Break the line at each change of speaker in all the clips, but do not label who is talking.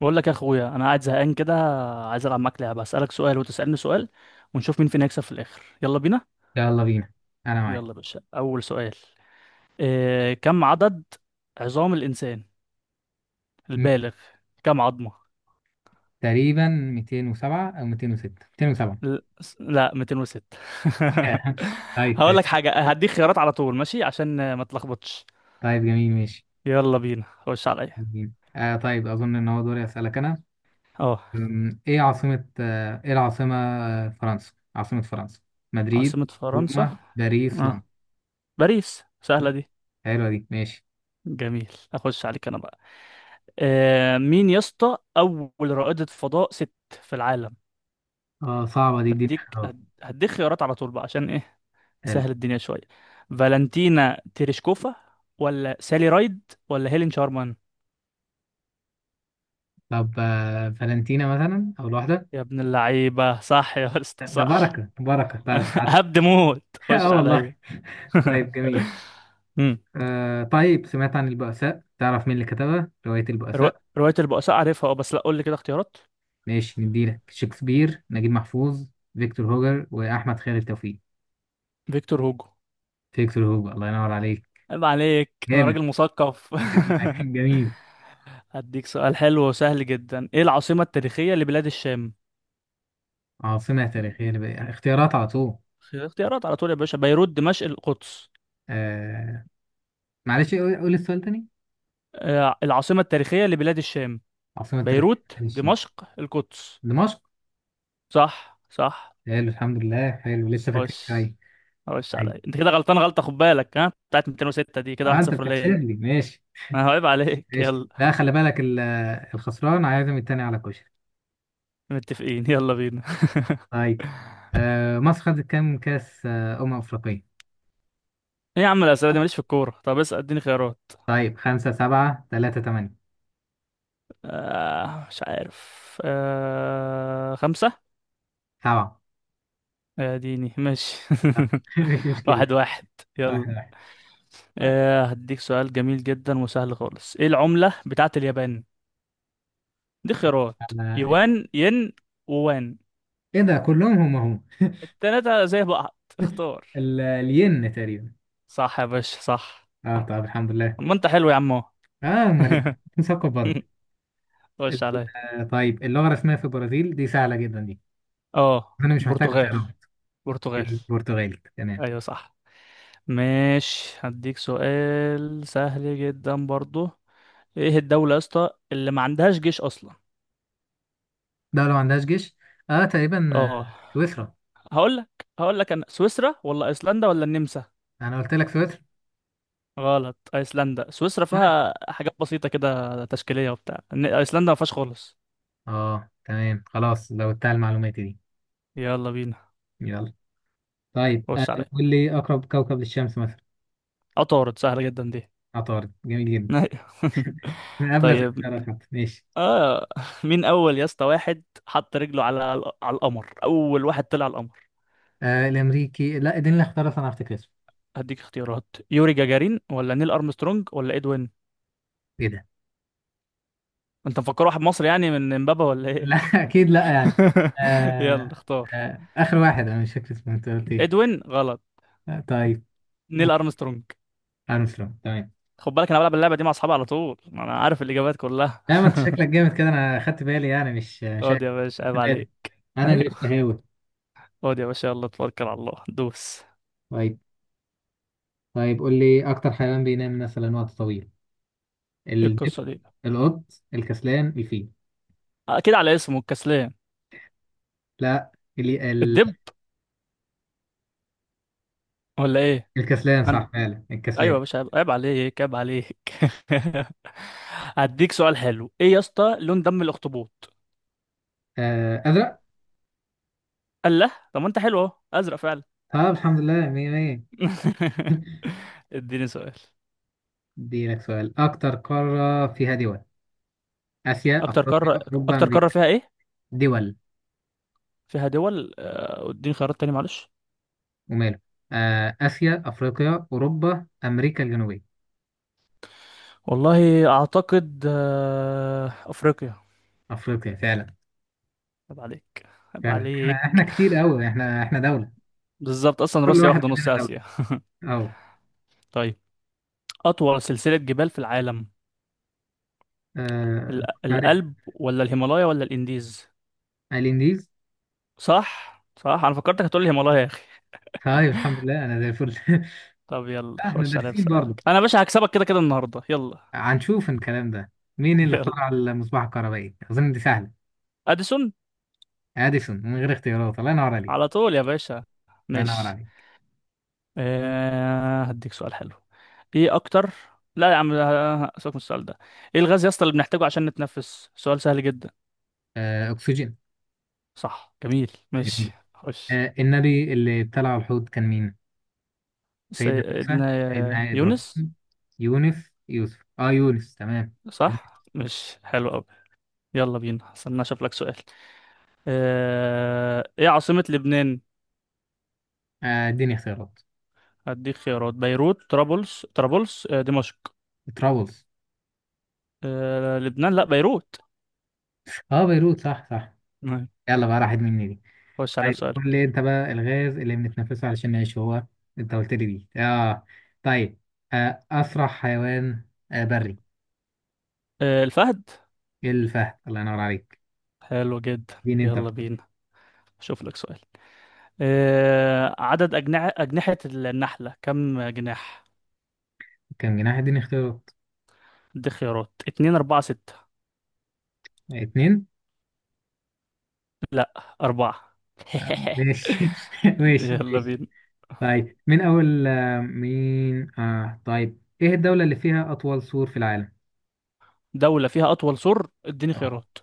بقول لك يا اخويا، انا قاعد زهقان كده. عايز العب معاك لعبه، اسالك سؤال وتسالني سؤال ونشوف مين فينا يكسب في الاخر. يلا بينا.
يلا بينا. انا معاك.
يلا يا باشا، اول سؤال. إيه كم عدد عظام الانسان
م-
البالغ؟ كم عظمه؟
تقريبا 207 او 206 207.
لا، 206. هقول
طيب
لك حاجه، هديك خيارات على طول ماشي عشان ما تلخبطش.
طيب، جميل ماشي.
يلا بينا، خش عليا.
جميل. طيب، اظن ان هو دوري اسالك انا.
اه،
ايه العاصمة فرنسا؟ عاصمة فرنسا: مدريد،
عاصمه فرنسا.
روما، باريس، لندن.
اه، باريس سهله دي.
حلوة دي، ماشي.
جميل، اخش عليك انا بقى. آه، مين يا اسطى اول رائدة فضاء ست في العالم؟
اه، صعبة دي، اديني
هديك
اختيارات.
هد- هديك خيارات على طول بقى، عشان ايه
حلو.
نسهل الدنيا شوية. فالنتينا تيريشكوفا ولا سالي رايد ولا هيلين شارمان؟
طب فالنتينا مثلا، اول واحدة.
يا ابن اللعيبة صح يا اسطى
ده
صح.
بركة بركة، طيب عارف.
هبد موت، خش
اه
عليا.
والله. طيب جميل.
مم.
طيب، سمعت عن البؤساء؟ تعرف مين اللي كتبها رواية
رو...
البؤساء؟
رواية البؤساء عارفها اه، بس لا قول لي كده اختيارات.
ماشي نديلك: شكسبير، نجيب محفوظ، فيكتور هوجر، وأحمد خالد توفيق.
فيكتور هوجو.
فيكتور هوجر، الله ينور عليك.
عيب عليك، انا
جامد.
راجل مثقف.
جميل، جميل.
هديك سؤال حلو وسهل جدا، ايه العاصمة التاريخية لبلاد الشام؟
عاصمة تاريخية لبقى. اختيارات على طول.
اختيارات على طول يا باشا، بيروت دمشق القدس.
آه معلش، قول السؤال تاني.
آه، العاصمة التاريخية لبلاد الشام،
عاصمة تاريخية
بيروت
للشين.
دمشق القدس.
دمشق.
صح صح.
حلو الحمد لله، حلو، لسه فاكرين
خش،
شوية.
خش
أيوة.
عليا. انت كده غلطان غلطة، خد بالك. ها، بتاعت 206 دي كده
آه أنت
1-0
بتحسب
ليا.
لي، ماشي
انا هعيب عليك.
ماشي.
يلا،
لا خلي بالك، الخسران عازم التاني على كشري.
متفقين، يلا بينا.
طيب. مصر خدت كام كأس أمم أفريقية؟
ايه يا عم الاسئله دي، ماليش في الكوره. طب اسال، اديني خيارات.
طيب خمسة، سبعة، تلاتة، تمانية.
آه مش عارف، آه خمسه.
سبعة.
يا ديني ماشي.
مش مشكلة.
واحد واحد. يلا.
واحد واحد. طيب.
آه، هديك سؤال جميل جدا وسهل خالص، ايه العملة بتاعة اليابان؟ دي خيارات.
أنا؟
يوان ين ووان.
إيه ده؟ كلهم هم هم.
التلاتة زي بعض، اختار.
الين تقريبا.
صح يا باشا صح.
أه طب الحمد لله.
ما انت حلو يا عم أهو.
أه أمال إيه، مثقف برضه. ال-
خش عليا.
طيب، اللغة الرسمية في البرازيل، دي سهلة جدا دي.
اه،
أنا مش محتاج
برتغال.
أقرأها.
برتغال.
البرتغالي، تمام.
ايوه صح. ماشي، هديك سؤال سهل جدا برضو. ايه الدولة يا اسطى اللي ما عندهاش جيش اصلا؟
دولة ما عندهاش جيش. أه تقريبا،
اه،
سويسرا.
هقول لك هقول لك انا، سويسرا ولا ايسلندا ولا النمسا.
أنا قلت لك سويسرا.
غلط، ايسلندا. سويسرا
طيب.
فيها حاجات بسيطة كده تشكيلية وبتاع، ايسلندا ما فيهاش خالص.
أه تمام خلاص، لو بتاع المعلومات دي.
يلا بينا،
يلا. طيب،
خش عليا.
قول لي أقرب كوكب للشمس مثلا.
عطارد، سهلة جدا دي.
عطارد، جميل جدا. من قبل
طيب،
الاختيارات حتى، ماشي.
اه، مين اول يا اسطى واحد حط رجله على على القمر، اول واحد طلع القمر؟
الأمريكي، لا اديني الاختيارات، أنا أفتكر اسمه.
هديك اختيارات، يوري جاجارين ولا نيل ارمسترونج ولا ادوين.
إيه ده؟
انت مفكر واحد مصري يعني من امبابة ولا ايه؟
لا، أكيد لا يعني.
يلا
آه.
اختار.
آخر واحد أنا مش فاكر اسمه، أنت قلت إيه؟
ادوين غلط.
طيب.
نيل ارمسترونج.
أرمسترونج، تمام.
خد بالك انا بلعب اللعبه دي مع اصحابي على طول، ما انا عارف الاجابات كلها.
لا، ما أنت شكلك جامد كده، أنا خدت بالي يعني، مش عارف.
اقعد يا باشا،
خدت
عيب
بالي.
عليك.
أنا اللي
ايوه.
استهاوي.
اقعد يا باشا، يلا توكل على الله دوس.
طيب. طيب قول لي أكتر حيوان بينام مثلا وقت طويل.
ايه
الدب،
القصه دي؟
القط، الكسلان، الفيل.
اكيد على اسمه، الكسلان.
لا،
الدب ولا ايه؟
الكسلان
انا،
صح فعلا،
ايوه يا
الكسلان.
باشا، عيب عيب عليك عيب عليك. هديك سؤال حلو، ايه يا اسطى لون دم الاخطبوط؟
آه أزرق.
قال له طب، ما انت حلو اهو، ازرق فعلا.
طب الحمد لله، مية مية.
اديني سؤال.
دي لك سؤال: أكتر قارة فيها دول؟ آسيا،
اكتر
أفريقيا،
قاره
أوروبا،
اكتر قاره
أمريكا.
فيها ايه؟
دول.
فيها دول. آه، اديني خيارات تاني معلش.
وماله. آه آسيا، أفريقيا، أوروبا، أمريكا الجنوبية.
والله اعتقد آه، افريقيا.
أفريقيا فعلا.
عيب عليك، عيب
فعلا، إحنا
عليك.
كتير أوي، إحنا دولة.
بالظبط، اصلا
كل
روسيا
واحد
واخده نص
مننا دولة.
اسيا.
أهو.
طيب، اطول سلسله جبال في العالم؟
آه، صحيح.
الألب ولا الهيمالايا ولا الانديز؟
الانديز.
صح صح، انا فكرتك هتقول لي الهيمالايا يا اخي.
طيب الحمد لله، أنا زي الفل.
طب يلا،
إحنا
خش عليا
دارسين برضه،
بسألك انا يا باشا، هكسبك كده كده النهارده. يلا
هنشوف الكلام ده. مين اللي
يلا،
اخترع المصباح الكهربائي؟ أظن دي سهلة.
اديسون.
اديسون، من غير اختيارات، الله ينور عليك.
على طول يا باشا،
الله ينور
ماشي.
عليك.
آه هديك سؤال حلو. ايه اكتر لا يا عم آه، سيبك من السؤال ده. ايه الغاز يا اسطى اللي بنحتاجه عشان نتنفس؟ سؤال سهل جدا.
آه اكسجين.
صح، جميل ماشي،
جميل.
خش.
آه النبي اللي ابتلع الحوت كان مين؟ سيدنا موسى،
سيدنا
سيدنا
يونس.
ابراهيم، يونس، يوسف. اه يونس، تمام.
صح، مش حلو قوي. يلا بينا، استنى اشوف لك سؤال. ايه عاصمة لبنان؟
اديني اختيارات.
هديك خيارات، بيروت طرابلس آه، دمشق.
ترابلز.
لبنان، لا، بيروت.
اه بيروت، صح صح.
نعم.
يلا بقى، راحت مني دي.
خش عليا
طيب قول
بسؤالك.
لي انت بقى، الغاز اللي بنتنفسه علشان نعيش هو، انت قلت لي دي، اه. طيب اسرع حيوان بري.
الفهد.
الفهد، الله ينور عليك.
حلو جدا،
اديني انت.
يلا بينا. اشوف لك سؤال. عدد أجنحة النحلة، كم جناح؟
كم جناح؟ اديني اختيارات.
هديك خيارات، اتنين أربعة ستة.
اتنين.
أربعة.
ماشي. ماشي
يلا
ماشي.
بينا.
طيب، من أول آه، مين آه طيب إيه الدولة اللي فيها أطول سور في العالم؟
دولة فيها أطول سور، اديني
أه،
خيارات.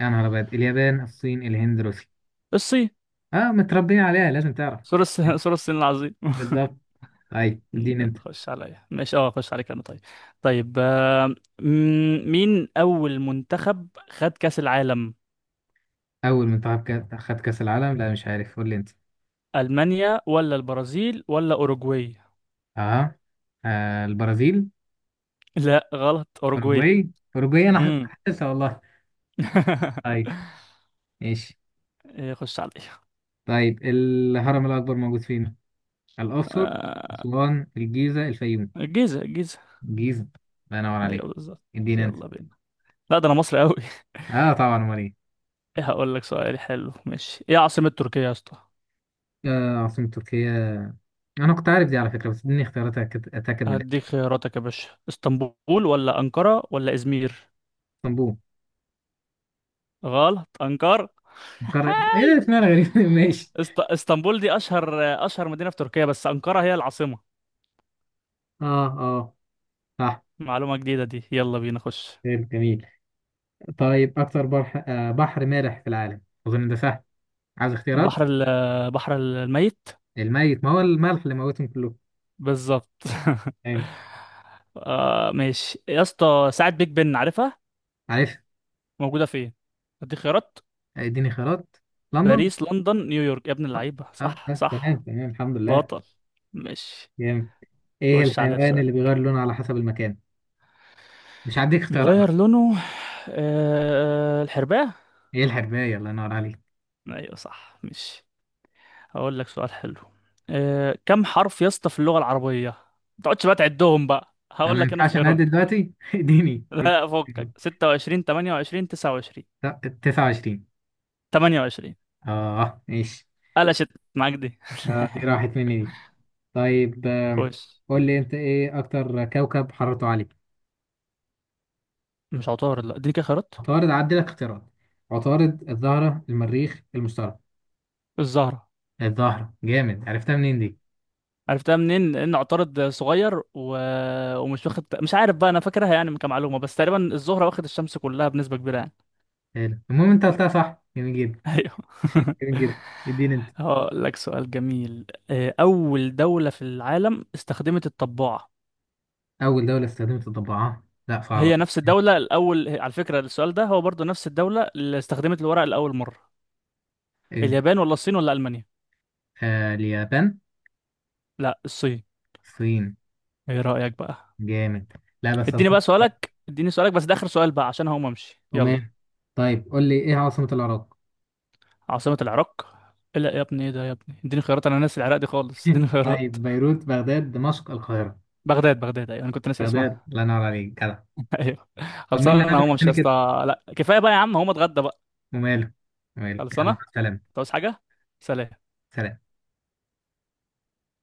يا نهار أبيض: اليابان، الصين، الهند، روسيا.
الصين.
أه متربيين عليها لازم تعرف.
سور الصين العظيم.
بالظبط. طيب، اديني
يلا،
أنت.
خش عليا. ماشي اه، خش عليك انا طيب. طيب آه، مين اول منتخب خد كأس العالم؟
أول منتخب خد كأس العالم؟ لا مش عارف، قول لي أنت.
المانيا ولا البرازيل ولا اوروجواي؟
أه، البرازيل.
لا غلط، اوروجواي.
أوروجواي. أوروجواي، أنا حاسس
امم
حاسسها والله. طيب. ماشي.
إيه، خش عليا.
طيب الهرم الأكبر موجود فين؟ الأقصر،
آه،
أسوان، الجيزة، الفيوم.
الجيزة الجيزة.
جيزة، الله ينور عليك.
ايوه بالظبط.
اديني انت.
يلا بينا. لا ده انا مصري قوي.
اه طبعا، امال ايه.
هقول لك سؤال حلو ماشي، ايه عاصمة تركيا يا اسطى؟
آه عاصمة تركيا. انا كنت عارف دي على فكرة، بس اديني اختيارات اتاكد، أتأكد من
هديك
الاسم.
خياراتك يا باشا، اسطنبول ولا انقرة ولا ازمير.
اسطنبول.
غلط، انقرة.
القارة ايه ده،
هاي،
اسمها غريب. ماشي.
اسطنبول دي اشهر مدينة في تركيا، بس انقرة هي العاصمة.
اه اه، صح.
معلومة جديدة دي. يلا بينا، خش.
حلو، جميل. طيب اكتر بحر، بحر مالح في العالم؟ اظن ده سهل. عايز اختيارات.
بحر الميت.
الميت، ما هو الملح اللي موتهم كلهم.
بالظبط.
تمام.
آه ماشي يا اسطى، ساعة بيج بن عارفها،
عارف.
موجودة فين؟ اديك خيارات،
اديني خيارات. لندن.
باريس لندن نيويورك. يا ابن
اه
اللعيبة
اه،
صح
تمام
صح.
تمام الحمد لله.
بطل ماشي،
جامد. ايه
خش عليا
الحيوان اللي
بسؤالك.
بيغير لونه على حسب المكان؟ مش هديك اختيارات.
بيغير لونه، آه الحرباية.
ايه الحرباية، الله ينور عليك.
ايوه صح ماشي. هقول لك سؤال حلو. أه، كم حرف يا اسطى في اللغة العربية؟ ما تقعدش بقى تعدهم بقى،
أنا
هقول
ما
لك انا
ينفعش انا أعد
خيارات.
دلوقتي، اديني
لا، فكك،
اديني.
26 28 29.
لا 29.
28.
اه ماشي.
قلشت معاك دي.
آه دي راحت مني دي. طيب آه
خش.
قول لي انت ايه اكتر كوكب حرارته عالية.
مش عطارد؟ لا دي كده خيارات.
عطارد؟ عدي لك اختيارات. عطارد، الزهرة، المريخ، المشتري.
الزهرة.
الزهرة، جامد، عرفتها منين دي.
عرفتها منين؟ لأن عطارد صغير ومش واخد، مش عارف بقى، أنا فاكرها يعني كمعلومة، بس تقريبا الزهرة واخد الشمس كلها بنسبة كبيرة يعني.
حلو. المهم انت قلتها صح، جميل جدا.
ايوه.
جميل جدا. اديني انت.
هقول لك سؤال جميل، آه، أول دولة في العالم استخدمت الطباعة.
اول دولة استخدمت الضبعة؟ لا صعبة
هي نفس
دي.
الدولة الأول، على فكرة السؤال ده هو برضو نفس الدولة اللي استخدمت الورق لأول مرة.
إيه؟
اليابان ولا الصين ولا ألمانيا؟
اليابان،
لا، الصين.
الصين.
ايه رأيك بقى؟
جامد. لا بس اظن.
اديني سؤالك، بس ده آخر سؤال بقى عشان هقوم امشي، يلا.
عمان. طيب قول لي ايه عاصمة العراق؟
عاصمة العراق. لا يا ابني، ايه ده يا ابني، اديني خيارات، انا ناسي العراق دي خالص، اديني خيارات.
طيب بيروت، بغداد، دمشق، القاهرة.
بغداد. بغداد ايوه، انا كنت ناسي
بغداد،
اسمها.
الله ينور عليك، جدع.
ايوه.
طب مين
خلصان،
اللي
انا
عازم
هقوم امشي
التاني
يا
كده.
اسطى، لا كفايه بقى يا عم، هقوم اتغدى بقى.
وماله. وماله، يلا
خلصانه
مع السلامة.
انت. عاوز حاجه. سلام.
سلام.